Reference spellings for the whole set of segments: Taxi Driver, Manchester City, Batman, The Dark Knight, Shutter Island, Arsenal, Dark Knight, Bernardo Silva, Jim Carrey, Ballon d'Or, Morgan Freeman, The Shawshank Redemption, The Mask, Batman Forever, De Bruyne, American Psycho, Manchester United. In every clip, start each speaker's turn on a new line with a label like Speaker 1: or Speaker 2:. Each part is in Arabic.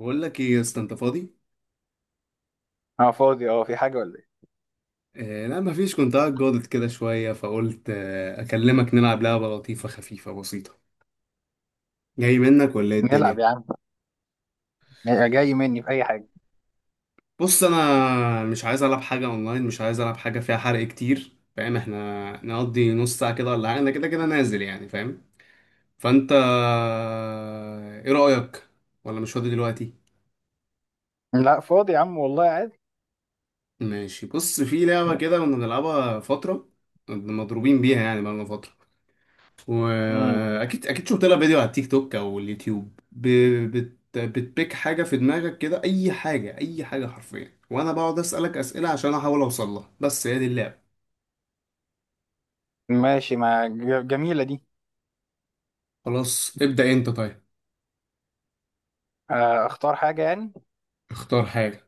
Speaker 1: بقول لك ايه يا اسطى؟ انت فاضي؟
Speaker 2: اه فاضي، في حاجة ولا ايه؟
Speaker 1: آه لا مفيش، كنت قاعد جاضد كده شويه فقلت اكلمك نلعب لعبه لطيفه خفيفه بسيطه. جاي منك ولا ايه
Speaker 2: نلعب
Speaker 1: الدنيا؟
Speaker 2: يا عم. جاي مني في اي حاجة؟
Speaker 1: بص، انا مش عايز العب حاجه اونلاين، مش عايز العب حاجه فيها حرق كتير، فاهم؟ احنا نقضي نص ساعه كده ولا حاجه، انا كده كده نازل يعني، فاهم؟ فانت آه، ايه رايك؟ ولا مش فاضي دلوقتي؟
Speaker 2: لا فاضي يا عم والله عادي.
Speaker 1: ماشي، بص في لعبه كده كنا بنلعبها فتره، كنا مضروبين بيها يعني بقالنا فتره،
Speaker 2: امم.
Speaker 1: واكيد اكيد شفت لها فيديو على التيك توك او اليوتيوب بتبيك حاجه في دماغك كده، اي حاجه اي حاجه حرفيا، وانا بقعد اسالك اسئله عشان احاول اوصل لها، بس هي دي اللعبه.
Speaker 2: ماشي، ما ج- جميلة دي.
Speaker 1: خلاص ابدا، انت طيب.
Speaker 2: آه، اختار حاجة يعني.
Speaker 1: اختار حاجه.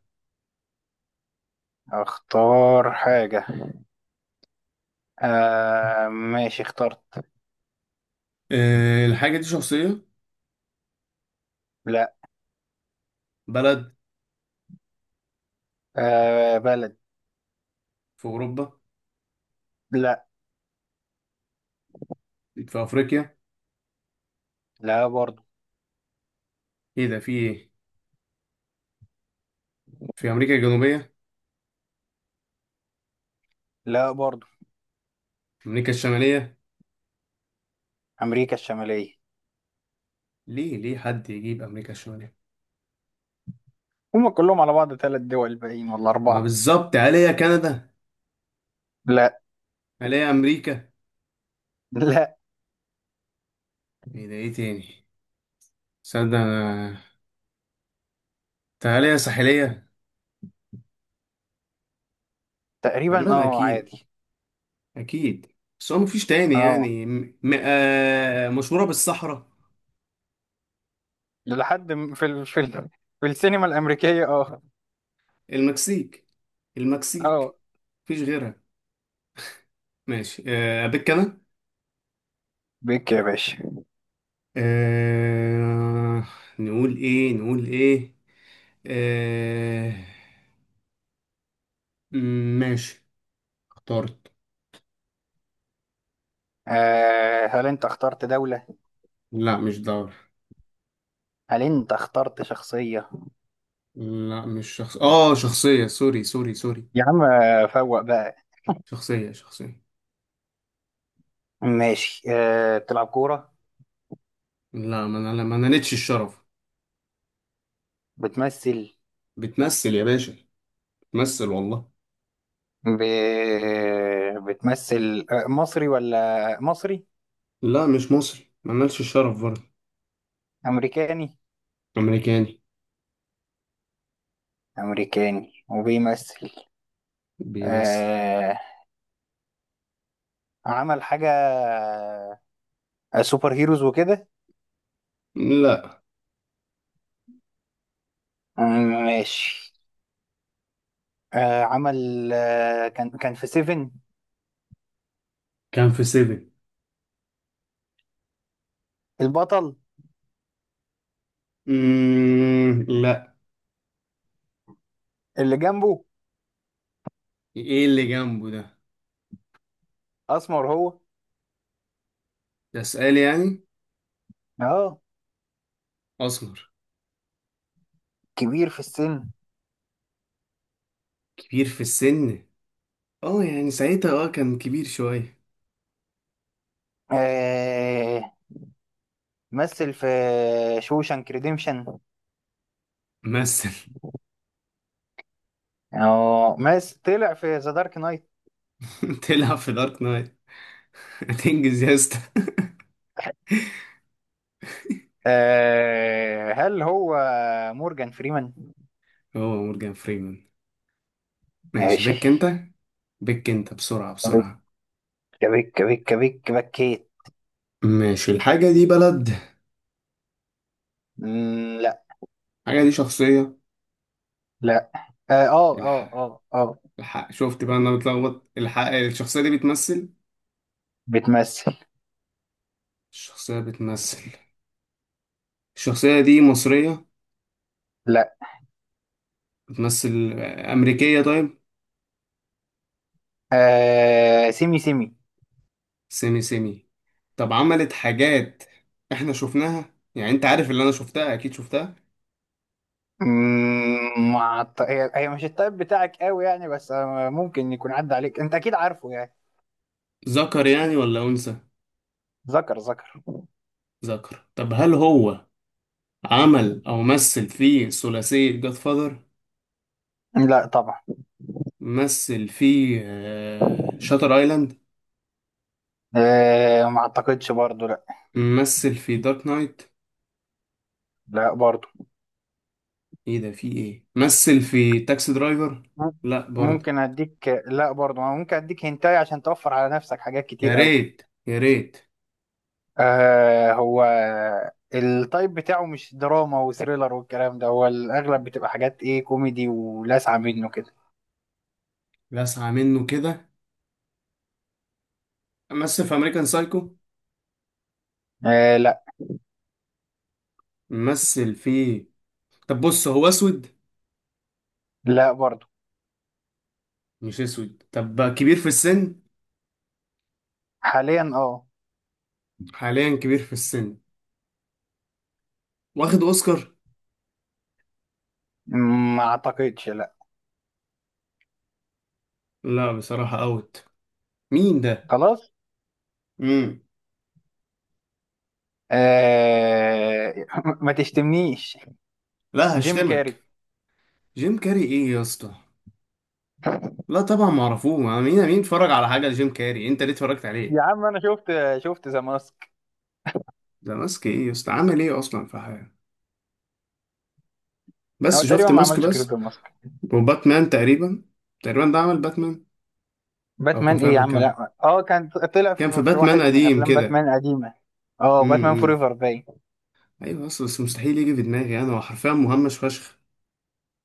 Speaker 2: اختار حاجة. آه ماشي اخترت.
Speaker 1: أه الحاجه دي شخصيه؟
Speaker 2: لا.
Speaker 1: بلد؟
Speaker 2: آه بلد.
Speaker 1: في اوروبا؟
Speaker 2: لا.
Speaker 1: في افريقيا؟
Speaker 2: لا برضو.
Speaker 1: ايه ده، في ايه؟ في امريكا الجنوبيه؟
Speaker 2: لا برضو.
Speaker 1: امريكا الشماليه؟
Speaker 2: امريكا الشمالية.
Speaker 1: ليه ليه حد يجيب امريكا الشماليه؟
Speaker 2: هما كلهم على بعض ثلاث دول باقيين ولا
Speaker 1: ما
Speaker 2: اربعة؟
Speaker 1: بالظبط، عليها كندا؟
Speaker 2: لا.
Speaker 1: عليها امريكا؟
Speaker 2: لا.
Speaker 1: ايه ده، ايه تاني؟ صدق. تعالى يا ساحلية.
Speaker 2: تقريبا
Speaker 1: تقريبا أكيد.
Speaker 2: عادي.
Speaker 1: أكيد. بس هو مفيش تاني
Speaker 2: اه،
Speaker 1: يعني مشهورة بالصحراء.
Speaker 2: لحد في السينما الامريكية. اه.
Speaker 1: المكسيك. المكسيك.
Speaker 2: اه،
Speaker 1: مفيش غيرها. ماشي أبيك أنا.
Speaker 2: بيك يا باشا.
Speaker 1: آه... نقول إيه نقول إيه؟ آه... ماشي، اخترت.
Speaker 2: آه، هل انت اخترت دولة؟
Speaker 1: لا مش دولة.
Speaker 2: هل انت اخترت شخصية؟
Speaker 1: لا مش شخص، آه شخصية، سوري سوري سوري.
Speaker 2: يا عم فوق بقى.
Speaker 1: شخصية شخصية.
Speaker 2: ماشي، بتلعب كورة؟
Speaker 1: لا، ما أنا نالتش الشرف.
Speaker 2: بتمثل؟
Speaker 1: بتمثل يا باشا. بتمثل والله.
Speaker 2: ب... بتمثل، مصري ولا مصري؟
Speaker 1: لا مش مصري، ملناش الشرف برضه.
Speaker 2: أمريكاني.
Speaker 1: أمريكاني.
Speaker 2: أمريكاني وبيمثل.
Speaker 1: بيمثل.
Speaker 2: آه، عمل حاجة. سوبر هيروز وكده؟
Speaker 1: لا.
Speaker 2: مم، ماشي. آه، عمل، كان في سيفن؟
Speaker 1: كان في سيفن.
Speaker 2: البطل.
Speaker 1: لا.
Speaker 2: اللي جنبه.
Speaker 1: إيه اللي جنبه ده؟
Speaker 2: أسمر هو.
Speaker 1: ده سؤال يعني؟
Speaker 2: اه.
Speaker 1: أسمر.
Speaker 2: كبير في السن.
Speaker 1: كبير في السن. اه يعني ساعتها اه كان كبير شوية.
Speaker 2: آه، مثل في شوشانك ريديمشن.
Speaker 1: مثل.
Speaker 2: أو مس طلع في ذا دارك نايت.
Speaker 1: تلعب في دارك نايت؟ هتنجز يا اسطى.
Speaker 2: آه، هل هو مورجان فريمان؟
Speaker 1: هو مورجان فريمان. ماشي
Speaker 2: ماشي.
Speaker 1: بك انت. بسرعة بسرعة.
Speaker 2: كبك كبك كبك كبك بكيت.
Speaker 1: ماشي، الحاجة دي بلد؟
Speaker 2: لا.
Speaker 1: الحاجة دي شخصية؟
Speaker 2: لا. اه اه اه
Speaker 1: الح...
Speaker 2: اه آه.
Speaker 1: الحق شفت بقى، انا بتلخبط. الحق الشخصية دي بتمثل.
Speaker 2: بتمثل.
Speaker 1: الشخصية بتمثل. الشخصية دي مصرية؟
Speaker 2: لا.
Speaker 1: بتمثل آه، أمريكية طيب.
Speaker 2: آه، سيمي سيمي.
Speaker 1: سيمي سيمي. طب عملت حاجات احنا شفناها يعني؟ انت عارف اللي انا شفتها اكيد، شفتها.
Speaker 2: هي مش التايب بتاعك قوي يعني، بس ممكن يكون عدى عليك، انت اكيد عارفه يعني.
Speaker 1: ذكر يعني ولا أنثى؟
Speaker 2: ذكر ذكر.
Speaker 1: ذكر. طب هل هو عمل او مثل في ثلاثية جاد فاذر؟
Speaker 2: لا طبعا.
Speaker 1: مثل في شاتر ايلاند؟
Speaker 2: آه، ما اعتقدش برضو، لا.
Speaker 1: مثل في دارك نايت؟
Speaker 2: لا برضو.
Speaker 1: ايه ده في ايه، مثل في تاكسي درايفر؟
Speaker 2: مم-
Speaker 1: لا برضه.
Speaker 2: ممكن اديك، لا برضو ممكن اديك هنتاي عشان توفر على نفسك حاجات
Speaker 1: يا
Speaker 2: كتير قوي.
Speaker 1: ريت يا ريت.
Speaker 2: آه، هو التايب بتاعه مش دراما وثريلر والكلام ده، هو الاغلب بتبقى حاجات ايه، كوميدي ولاسعه منه كده.
Speaker 1: لسعة منه كده. مثل في امريكان سايكو؟
Speaker 2: آه لا.
Speaker 1: مثل في. طب بص، هو اسود؟
Speaker 2: لا برضو.
Speaker 1: مش اسود، طب كبير في السن؟
Speaker 2: حاليا اه.
Speaker 1: حاليا كبير في السن. واخد اوسكار؟
Speaker 2: ما اعتقدش لا.
Speaker 1: لا بصراحة اوت. مين ده؟
Speaker 2: خلاص.
Speaker 1: امم
Speaker 2: آه ما تشتمنيش.
Speaker 1: لا
Speaker 2: جيم
Speaker 1: هشتمك.
Speaker 2: كاري.
Speaker 1: جيم كاري ايه يا اسطى؟ لا طبعا معرفوه، ما مين اتفرج على حاجة لجيم كاري؟ انت ليه اتفرجت عليه؟
Speaker 2: يا عم انا شفت ذا ماسك.
Speaker 1: ده ماسك ايه يا اسطى، عمل ايه اصلا في حياته؟
Speaker 2: هو
Speaker 1: بس
Speaker 2: تقريبا
Speaker 1: شفت
Speaker 2: ما
Speaker 1: ماسك
Speaker 2: عملش غير
Speaker 1: بس.
Speaker 2: ذا ماسك.
Speaker 1: وباتمان تقريبا. تقريبا ده عمل باتمان. او كان
Speaker 2: باتمان ايه يا
Speaker 1: فيها
Speaker 2: عم؟
Speaker 1: كان
Speaker 2: لا، كان طلع
Speaker 1: كان في
Speaker 2: في
Speaker 1: باتمان
Speaker 2: واحد من
Speaker 1: قديم
Speaker 2: افلام
Speaker 1: كده.
Speaker 2: باتمان قديمة. اه
Speaker 1: امم
Speaker 2: باتمان
Speaker 1: امم.
Speaker 2: فوريفر باين.
Speaker 1: ايوه اصل، بس مستحيل يجي في دماغي، انا هو حرفيا مهمش فشخ.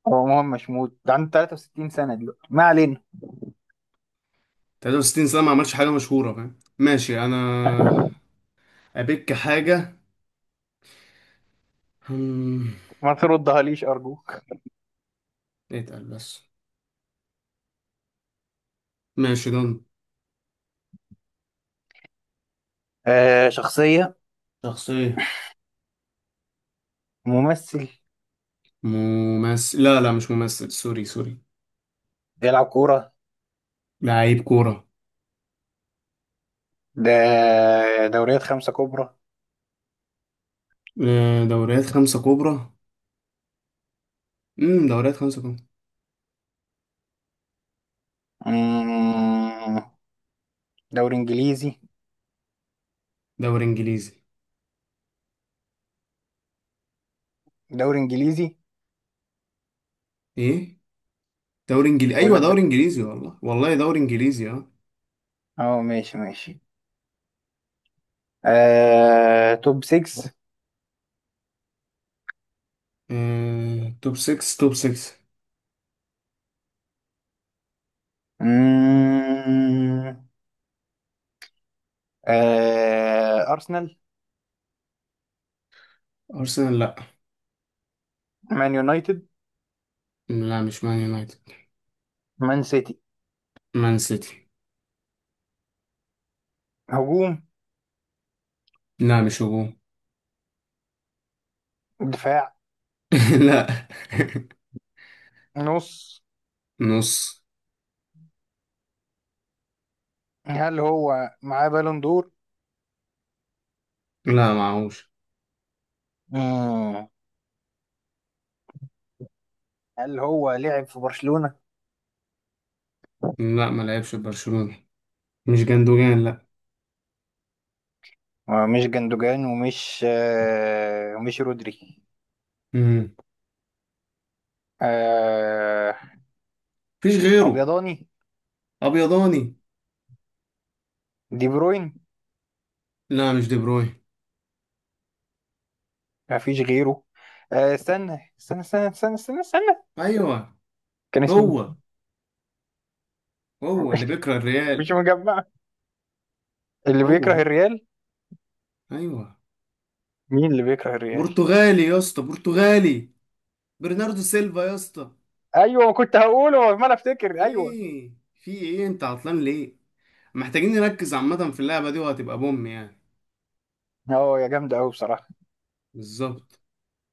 Speaker 2: هو مهم مش موت، ده عنده 63 سنة دلوقتي، ما علينا.
Speaker 1: 63 سنه ما عملش حاجه مشهوره، فاهم؟ ماشي، انا ابيك حاجه. هم،
Speaker 2: ما تردها ليش، ارجوك.
Speaker 1: اتقل بس. ماشي دون.
Speaker 2: آه، شخصية.
Speaker 1: شخصيه.
Speaker 2: ممثل.
Speaker 1: ممثل؟ لا لا مش ممثل، سوري سوري.
Speaker 2: بيلعب كورة.
Speaker 1: لعيب كوره.
Speaker 2: ده دوريات خمسة كبرى.
Speaker 1: آه، دوريات خمسه كبرى. دوريات خمسه كبرى.
Speaker 2: مم، دوري انجليزي.
Speaker 1: دوري انجليزي.
Speaker 2: دوري انجليزي.
Speaker 1: ايه دوري انجليزي،
Speaker 2: اقول
Speaker 1: ايوه
Speaker 2: لك
Speaker 1: دوري
Speaker 2: دوري
Speaker 1: انجليزي،
Speaker 2: انجليزي.
Speaker 1: والله والله دوري انجليزي اه.
Speaker 2: اه ماشي ماشي. آه، توب 6.
Speaker 1: آه، توب 6. توب 6.
Speaker 2: آه، ارسنال.
Speaker 1: ارسنال لا.
Speaker 2: مان يونايتد.
Speaker 1: لا مش مان يونايتد.
Speaker 2: مان سيتي.
Speaker 1: مان سيتي.
Speaker 2: هجوم.
Speaker 1: لا مش هجوم.
Speaker 2: دفاع.
Speaker 1: لا.
Speaker 2: نص.
Speaker 1: نص.
Speaker 2: هل هو معاه بالون دور؟
Speaker 1: لا معهوش.
Speaker 2: مم. هل هو لعب في برشلونة؟
Speaker 1: لا ما لعبش في برشلونة. مش جندوجان لا.
Speaker 2: مش جندوجان ومش ومش رودري.
Speaker 1: مم.
Speaker 2: آه،
Speaker 1: مفيش غيره.
Speaker 2: أبيضاني.
Speaker 1: ابيضاني.
Speaker 2: دي بروين.
Speaker 1: لا مش دي بروين.
Speaker 2: ما فيش غيره. آه، استنى استنى استنى استنى استنى، استنى.
Speaker 1: ايوه.
Speaker 2: كان اسمه
Speaker 1: هو
Speaker 2: إيه؟
Speaker 1: هو اللي بيكره
Speaker 2: مش
Speaker 1: الريال.
Speaker 2: مجمع. اللي
Speaker 1: هو
Speaker 2: بيكره
Speaker 1: هو.
Speaker 2: الريال.
Speaker 1: ايوه.
Speaker 2: مين اللي بيكره الريال؟
Speaker 1: برتغالي يا اسطى، برتغالي. برناردو سيلفا يا اسطى.
Speaker 2: ايوه، ما كنت هقوله، ما انا افتكر ايوه.
Speaker 1: ايه في ايه، انت عطلان ليه؟ محتاجين نركز عامة في اللعبة دي، وهتبقى بوم يعني.
Speaker 2: هو يا جامد قوي بصراحة.
Speaker 1: بالظبط.